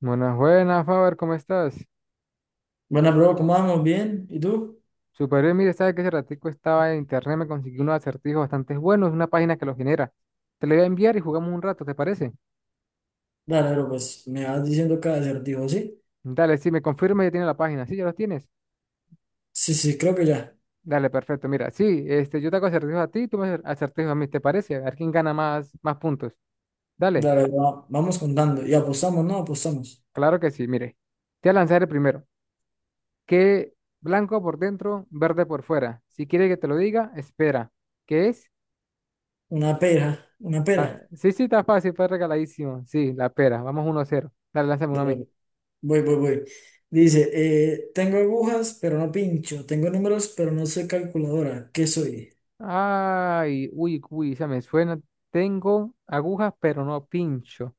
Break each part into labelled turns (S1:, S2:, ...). S1: Buenas, buenas, Faber, ¿cómo estás?
S2: Bueno, bro, ¿cómo vamos? ¿Bien? ¿Y tú?
S1: Super bien mire, sabes que ese ratico estaba en internet, me conseguí unos acertijos bastante buenos, una página que los genera. Te lo voy a enviar y jugamos un rato, ¿te parece?
S2: Dale, bro, pues me vas diciendo cada acertijo, ¿sí?
S1: Dale, sí, me confirma ya tiene la página. Sí, ya los tienes.
S2: Sí, sí, creo que ya.
S1: Dale, perfecto. Mira, sí, este, yo te hago acertijos a ti, tú me haces acertijos a mí, ¿te parece? A ver quién gana más puntos. Dale,
S2: Dale, vamos contando. Y apostamos, ¿no? Apostamos.
S1: claro que sí, mire. Te voy a lanzar el primero. Que blanco por dentro, verde por fuera. Si quiere que te lo diga, espera. ¿Qué es?
S2: Una pera, una pera.
S1: Ah, sí, sí, está fácil, fue regaladísimo. Sí, la pera. Vamos 1 0. Dale, lánzame uno a mí.
S2: Dale, voy. Dice, tengo agujas, pero no pincho. Tengo números, pero no soy calculadora. ¿Qué soy?
S1: Ay, uy, uy, ya me suena. Tengo agujas, pero no pincho.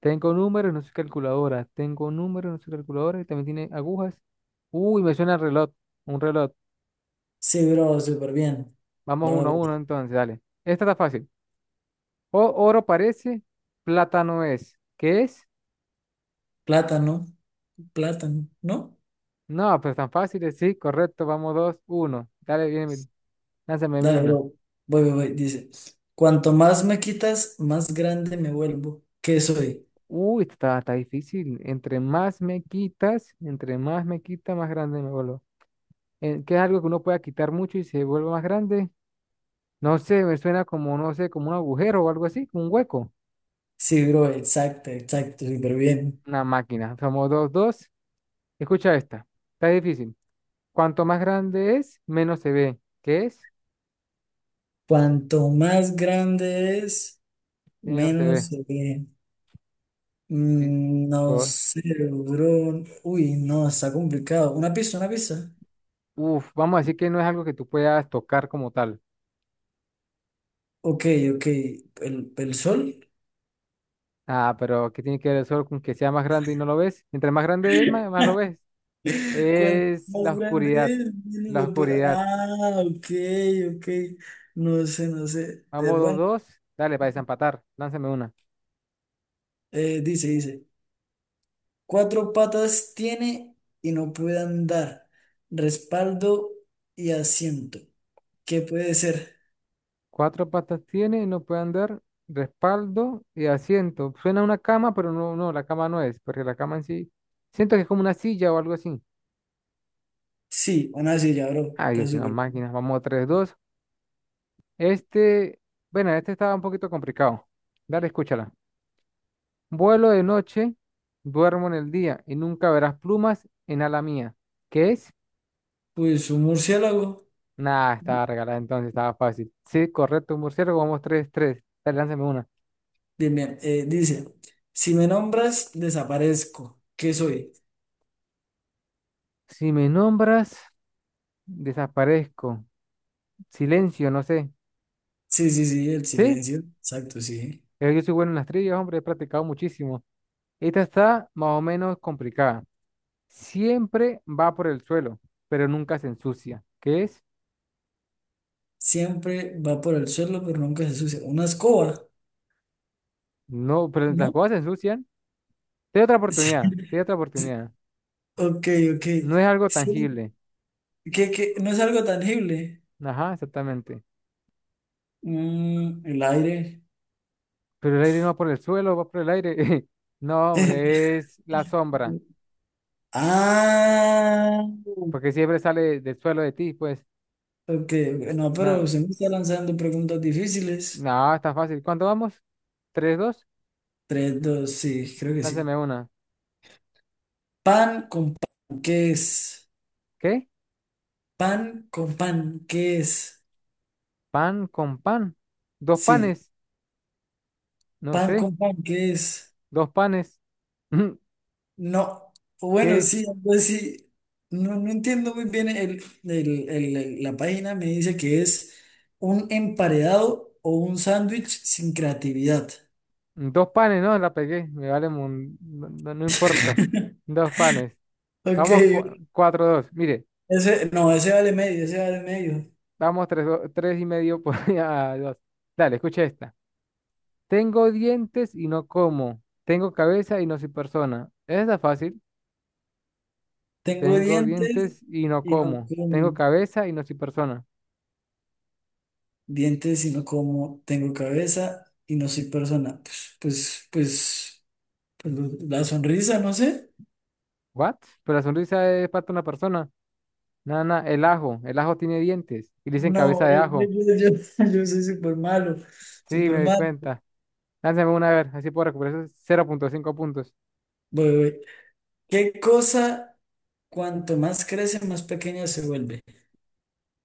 S1: Tengo números, no soy calculadora. Tengo números, no soy calculadora. Y también tiene agujas. Uy, me suena el reloj. Un reloj.
S2: Sí, bro, súper bien.
S1: Vamos
S2: Va, va,
S1: uno a
S2: va.
S1: uno entonces, dale. Esta está fácil. O oro parece, plata no es. ¿Qué es?
S2: Plátano, plátano, ¿no?
S1: No, pero tan fácil, sí, correcto. Vamos 2-1. Dale, bien, lánzame a mí
S2: Dale,
S1: una.
S2: bro. Voy. Dice, cuanto más me quitas, más grande me vuelvo. ¿Qué soy?
S1: Uy, está difícil. Entre más me quita, más grande me vuelvo. ¿Qué es algo que uno pueda quitar mucho y se vuelve más grande? No sé, me suena como, no sé, como un agujero o algo así, como un hueco.
S2: Sí, bro, exacto, exacto, súper bien.
S1: Una máquina. Somos 2-2. Escucha esta. Está difícil. Cuanto más grande es, menos se ve. ¿Qué es?
S2: Cuanto más grande es,
S1: Menos se
S2: menos
S1: ve.
S2: se ve.
S1: Sí,
S2: Mm, no
S1: cor-
S2: sé, bro. Uy, no, está complicado. Una pista, una pista.
S1: uf, vamos a decir que no es algo que tú puedas tocar como tal.
S2: Ok, ok. ¿El sol?
S1: Ah, pero ¿qué tiene que ver el sol con que sea más grande y no lo ves? Entre más grande es, más lo ves.
S2: Cuanto
S1: Es
S2: más
S1: la
S2: grande
S1: oscuridad.
S2: es,
S1: La oscuridad.
S2: ah, ok, ok. No sé, no sé.
S1: Vamos dos,
S2: Bueno,
S1: dos. Dale, para desempatar. Lánzame una.
S2: dice. Cuatro patas tiene y no puede andar. Respaldo y asiento. ¿Qué puede ser?
S1: Cuatro patas tiene, no puede andar. Respaldo y asiento. Suena a una cama, pero no, no, la cama no es, porque la cama en sí. Siento que es como una silla o algo así.
S2: Sí, una silla, bro.
S1: Ay,
S2: Está
S1: Dios, una
S2: súper.
S1: máquina. Vamos a 3-2. Este, bueno, este estaba un poquito complicado. Dale, escúchala. Vuelo de noche, duermo en el día y nunca verás plumas en ala mía. ¿Qué es?
S2: Pues un murciélago.
S1: Nada, estaba regalada entonces, estaba fácil. Sí, correcto, murciélago, vamos 3-3. Dale, lánzame una.
S2: Bien, bien. Dice, si me nombras, desaparezco. ¿Qué soy?
S1: Si me nombras, desaparezco. Silencio, no sé.
S2: Sí, sí, sí, el
S1: ¿Sí?
S2: silencio. Exacto, sí.
S1: Yo soy bueno en las trivias, hombre, he practicado muchísimo. Esta está más o menos complicada. Siempre va por el suelo, pero nunca se ensucia. ¿Qué es?
S2: Siempre va por el suelo, pero nunca se sucia. Una escoba,
S1: No, pero las
S2: ¿no?
S1: cosas se ensucian. Te doy otra
S2: Sí.
S1: oportunidad, te doy otra oportunidad.
S2: Ok, ok.
S1: No es algo
S2: Sí.
S1: tangible.
S2: Qué? No es algo tangible.
S1: Ajá, exactamente.
S2: Mm, el aire.
S1: Pero el aire no va por el suelo, va por el aire. No, hombre, es la sombra.
S2: Ah, ok,
S1: Porque siempre sale del suelo de ti, pues.
S2: ok. No, pero
S1: Nada,
S2: se me está lanzando preguntas difíciles.
S1: nada, está fácil. ¿Cuánto vamos? ¿3-2?
S2: Tres, dos, sí, creo que sí.
S1: Lánzame una.
S2: Pan con pan, ¿qué es?
S1: ¿Qué?
S2: Pan con pan, ¿qué es?
S1: Pan con pan. Dos
S2: Sí.
S1: panes. No
S2: Pan
S1: sé.
S2: con pan, ¿qué es?
S1: Dos panes.
S2: No. Bueno,
S1: ¿Qué?
S2: sí, pues sí. No, no entiendo muy bien la página. Me dice que es un emparedado o un sándwich sin creatividad.
S1: Dos panes, no, la pegué. Me vale, no, no importa. Dos panes.
S2: Ok,
S1: Vamos, 4-2. Mire,
S2: ese, no, ese vale medio, ese vale medio.
S1: vamos tres, 3,5 por a 2. Dale, escucha esta. Tengo dientes y no como. Tengo cabeza y no soy persona. Esa está fácil.
S2: Tengo
S1: Tengo
S2: dientes
S1: dientes y no
S2: y no
S1: como. Tengo
S2: como.
S1: cabeza y no soy persona.
S2: Dientes, sino como tengo cabeza y no soy persona. Pues la sonrisa, no sé.
S1: ¿What? Pero la sonrisa es parte de una persona. Nada, nada. El ajo. El ajo tiene dientes. Y le dicen cabeza
S2: No,
S1: de
S2: bro,
S1: ajo.
S2: yo soy súper malo,
S1: Sí,
S2: súper
S1: me di
S2: malo.
S1: cuenta. Lánzame una a ver. Así puedo recuperar esos 0,5 puntos.
S2: Voy. ¿Qué cosa, cuanto más crece, más pequeña se vuelve?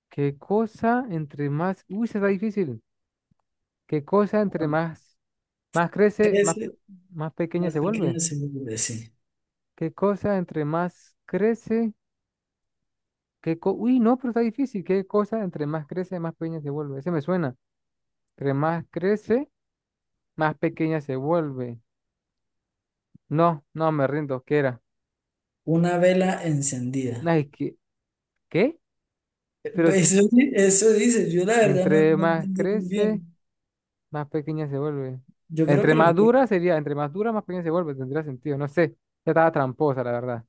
S1: ¿Qué cosa entre más... Uy, se está difícil. ¿Qué cosa entre
S2: Cuando
S1: más... Más crece, más, pe-
S2: crece,
S1: más pequeña
S2: más
S1: se vuelve?
S2: pequeña se vuelve, sí.
S1: ¿Qué cosa entre más crece? ¿Qué co... Uy, no, pero está difícil. ¿Qué cosa entre más crece, más pequeña se vuelve? Ese me suena. Entre más crece... más pequeña se vuelve. No, no, me rindo, ¿qué era?
S2: Una vela
S1: No,
S2: encendida.
S1: es que, ¿qué? Pero s-
S2: Eso, eso dice, yo la verdad no,
S1: entre
S2: no
S1: más
S2: entendí muy
S1: crece,
S2: bien.
S1: más pequeña se vuelve.
S2: Yo creo que lo que...
S1: Entre más dura, más pequeña se vuelve, tendría sentido, no sé. Ya estaba tramposa, la verdad.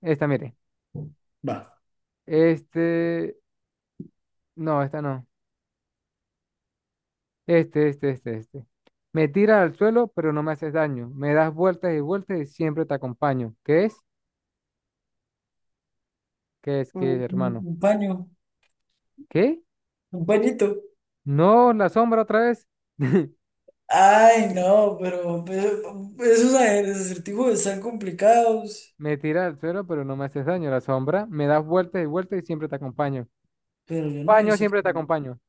S1: Esta, mire.
S2: Va.
S1: Este, no, esta no. Este. Me tiras al suelo, pero no me haces daño. Me das vueltas y vueltas y siempre te acompaño. ¿Qué es? ¿Qué es? ¿Qué
S2: Un,
S1: es, hermano?
S2: un paño,
S1: ¿Qué?
S2: un pañito.
S1: No, la sombra otra vez.
S2: Ay, no, pero esos acertijos están complicados.
S1: Me tira al suelo, pero no me haces daño. La sombra me das vueltas y vueltas y siempre te acompaño.
S2: Pero yo no,
S1: Paño,
S2: eso,
S1: siempre te acompaño.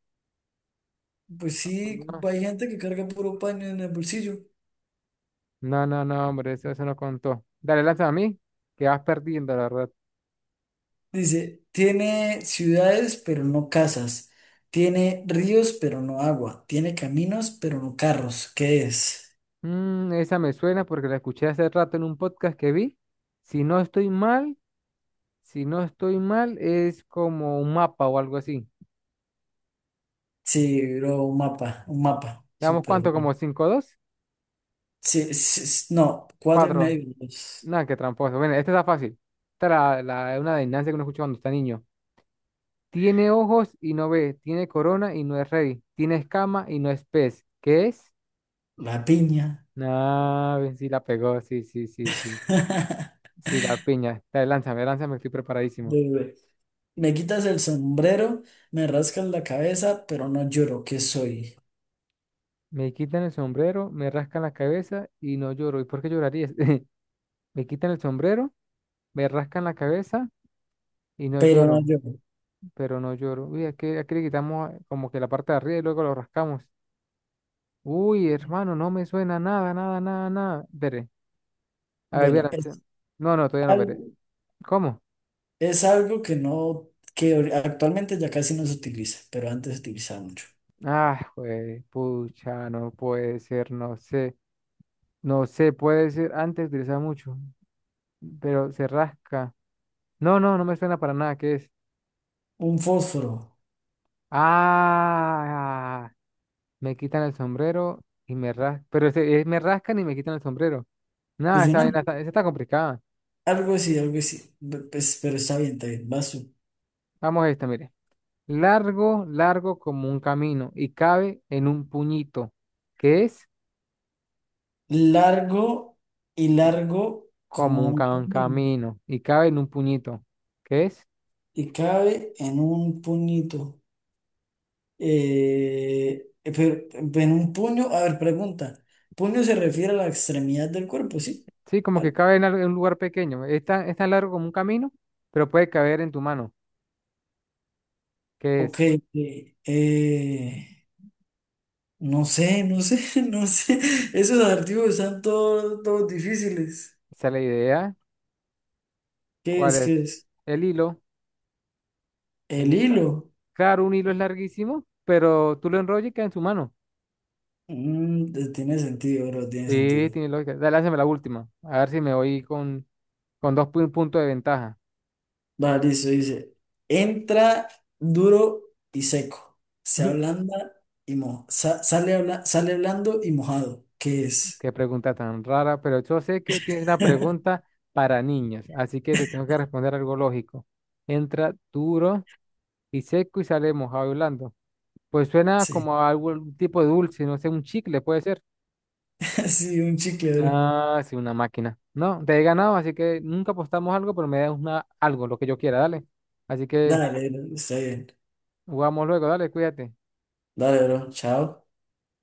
S2: pues sí,
S1: No,
S2: hay gente que carga puro paño en el bolsillo.
S1: no, hombre, eso no contó. Dale, lanza a mí, que vas perdiendo, la verdad.
S2: Dice, tiene ciudades, pero no casas. Tiene ríos, pero no agua. Tiene caminos, pero no carros. ¿Qué es?
S1: Mm, esa me suena porque la escuché hace rato en un podcast que vi. Si no estoy mal, si no estoy mal, es como un mapa o algo así.
S2: Sí, bro, un mapa, un mapa.
S1: ¿Damos
S2: Súper
S1: cuánto? Como
S2: bien.
S1: 5-2
S2: Sí, sí, sí, no, cuatro y
S1: cuatro.
S2: medio. Pues,
S1: Nada, qué tramposo. Bueno, esta está fácil. Esta es una adivinanza que uno escucha cuando está niño. Tiene ojos y no ve, tiene corona y no es rey, tiene escama y no es pez. ¿Qué es?
S2: la piña.
S1: No, ven, sí la pegó, sí, sí, sí, sí. Sí, la piña. Dale, lánzame, lánzame, estoy preparadísimo.
S2: Bebé. Me quitas el sombrero, me rascas la cabeza, pero no lloro, ¿qué soy?
S1: Me quitan el sombrero, me rascan la cabeza y no lloro. ¿Y por qué llorarías? Me quitan el sombrero, me rascan la cabeza y no
S2: Pero no
S1: lloro,
S2: lloro.
S1: pero no lloro. Uy, aquí, aquí le quitamos como que la parte de arriba y luego lo rascamos. Uy, hermano, no me suena nada, nada, nada, nada. Veré. A ver,
S2: Bueno,
S1: verán. No, no, todavía no veré.
S2: algo,
S1: ¿Cómo?
S2: es algo que no, que actualmente ya casi no se utiliza, pero antes se utilizaba mucho.
S1: Ah, güey, pucha, no puede ser, no sé, no sé, puede ser, antes utilizaba mucho, pero se rasca. No, no, no me suena para nada, ¿qué es?
S2: Un fósforo.
S1: Ah, me quitan el sombrero y me rascan, pero me rascan y me quitan el sombrero. Nada,
S2: Pues yo
S1: esa
S2: no,
S1: vaina está, esa está complicada.
S2: algo así, algo así. Pues, pero está bien, está bien. Vas tú.
S1: Vamos a esta, mire. Largo, largo como un camino y cabe en un puñito. ¿Qué es
S2: Largo y largo como un
S1: un
S2: puño,
S1: camino y cabe en un puñito, ¿qué es?
S2: y cabe en un puñito. Pero, en un puño, a ver, pregunta. Puño se refiere a la extremidad del cuerpo, ¿sí?
S1: Sí, como que
S2: Al-
S1: cabe en un lugar pequeño. Es tan largo como un camino, pero puede caber en tu mano. ¿Qué
S2: ok.
S1: es?
S2: eh, eh, no sé, no sé, no sé. Esos adjetivos están todos, todos difíciles.
S1: Esa es la idea.
S2: ¿Qué
S1: ¿Cuál
S2: es?
S1: es?
S2: ¿Qué es?
S1: El hilo. El,
S2: El
S1: hi-
S2: hilo.
S1: claro, un hilo es larguísimo, pero tú lo enrollas y queda en tu mano.
S2: Mm, tiene sentido, bro, tiene
S1: Sí,
S2: sentido.
S1: tiene lógica. Dale, hazme la última. A ver si me voy con 2 puntos de ventaja.
S2: Vale, listo, dice. Entra duro y seco. Se ablanda y sale blando y mojado. ¿Qué es?
S1: Qué pregunta tan rara, pero yo sé que tiene una pregunta para niños, así que te tengo que responder algo lógico. Entra duro y seco y sale mojado y blando. Pues suena
S2: Sí.
S1: como a algún tipo de dulce, no sé, un chicle puede ser.
S2: Sí, un chicle, bro.
S1: Ah, sí, una máquina. No, te he ganado, así que nunca apostamos algo, pero me das una, algo, lo que yo quiera, dale. Así que
S2: Dale, bro, está bien.
S1: jugamos luego, dale, cuídate.
S2: Dale, bro, chao.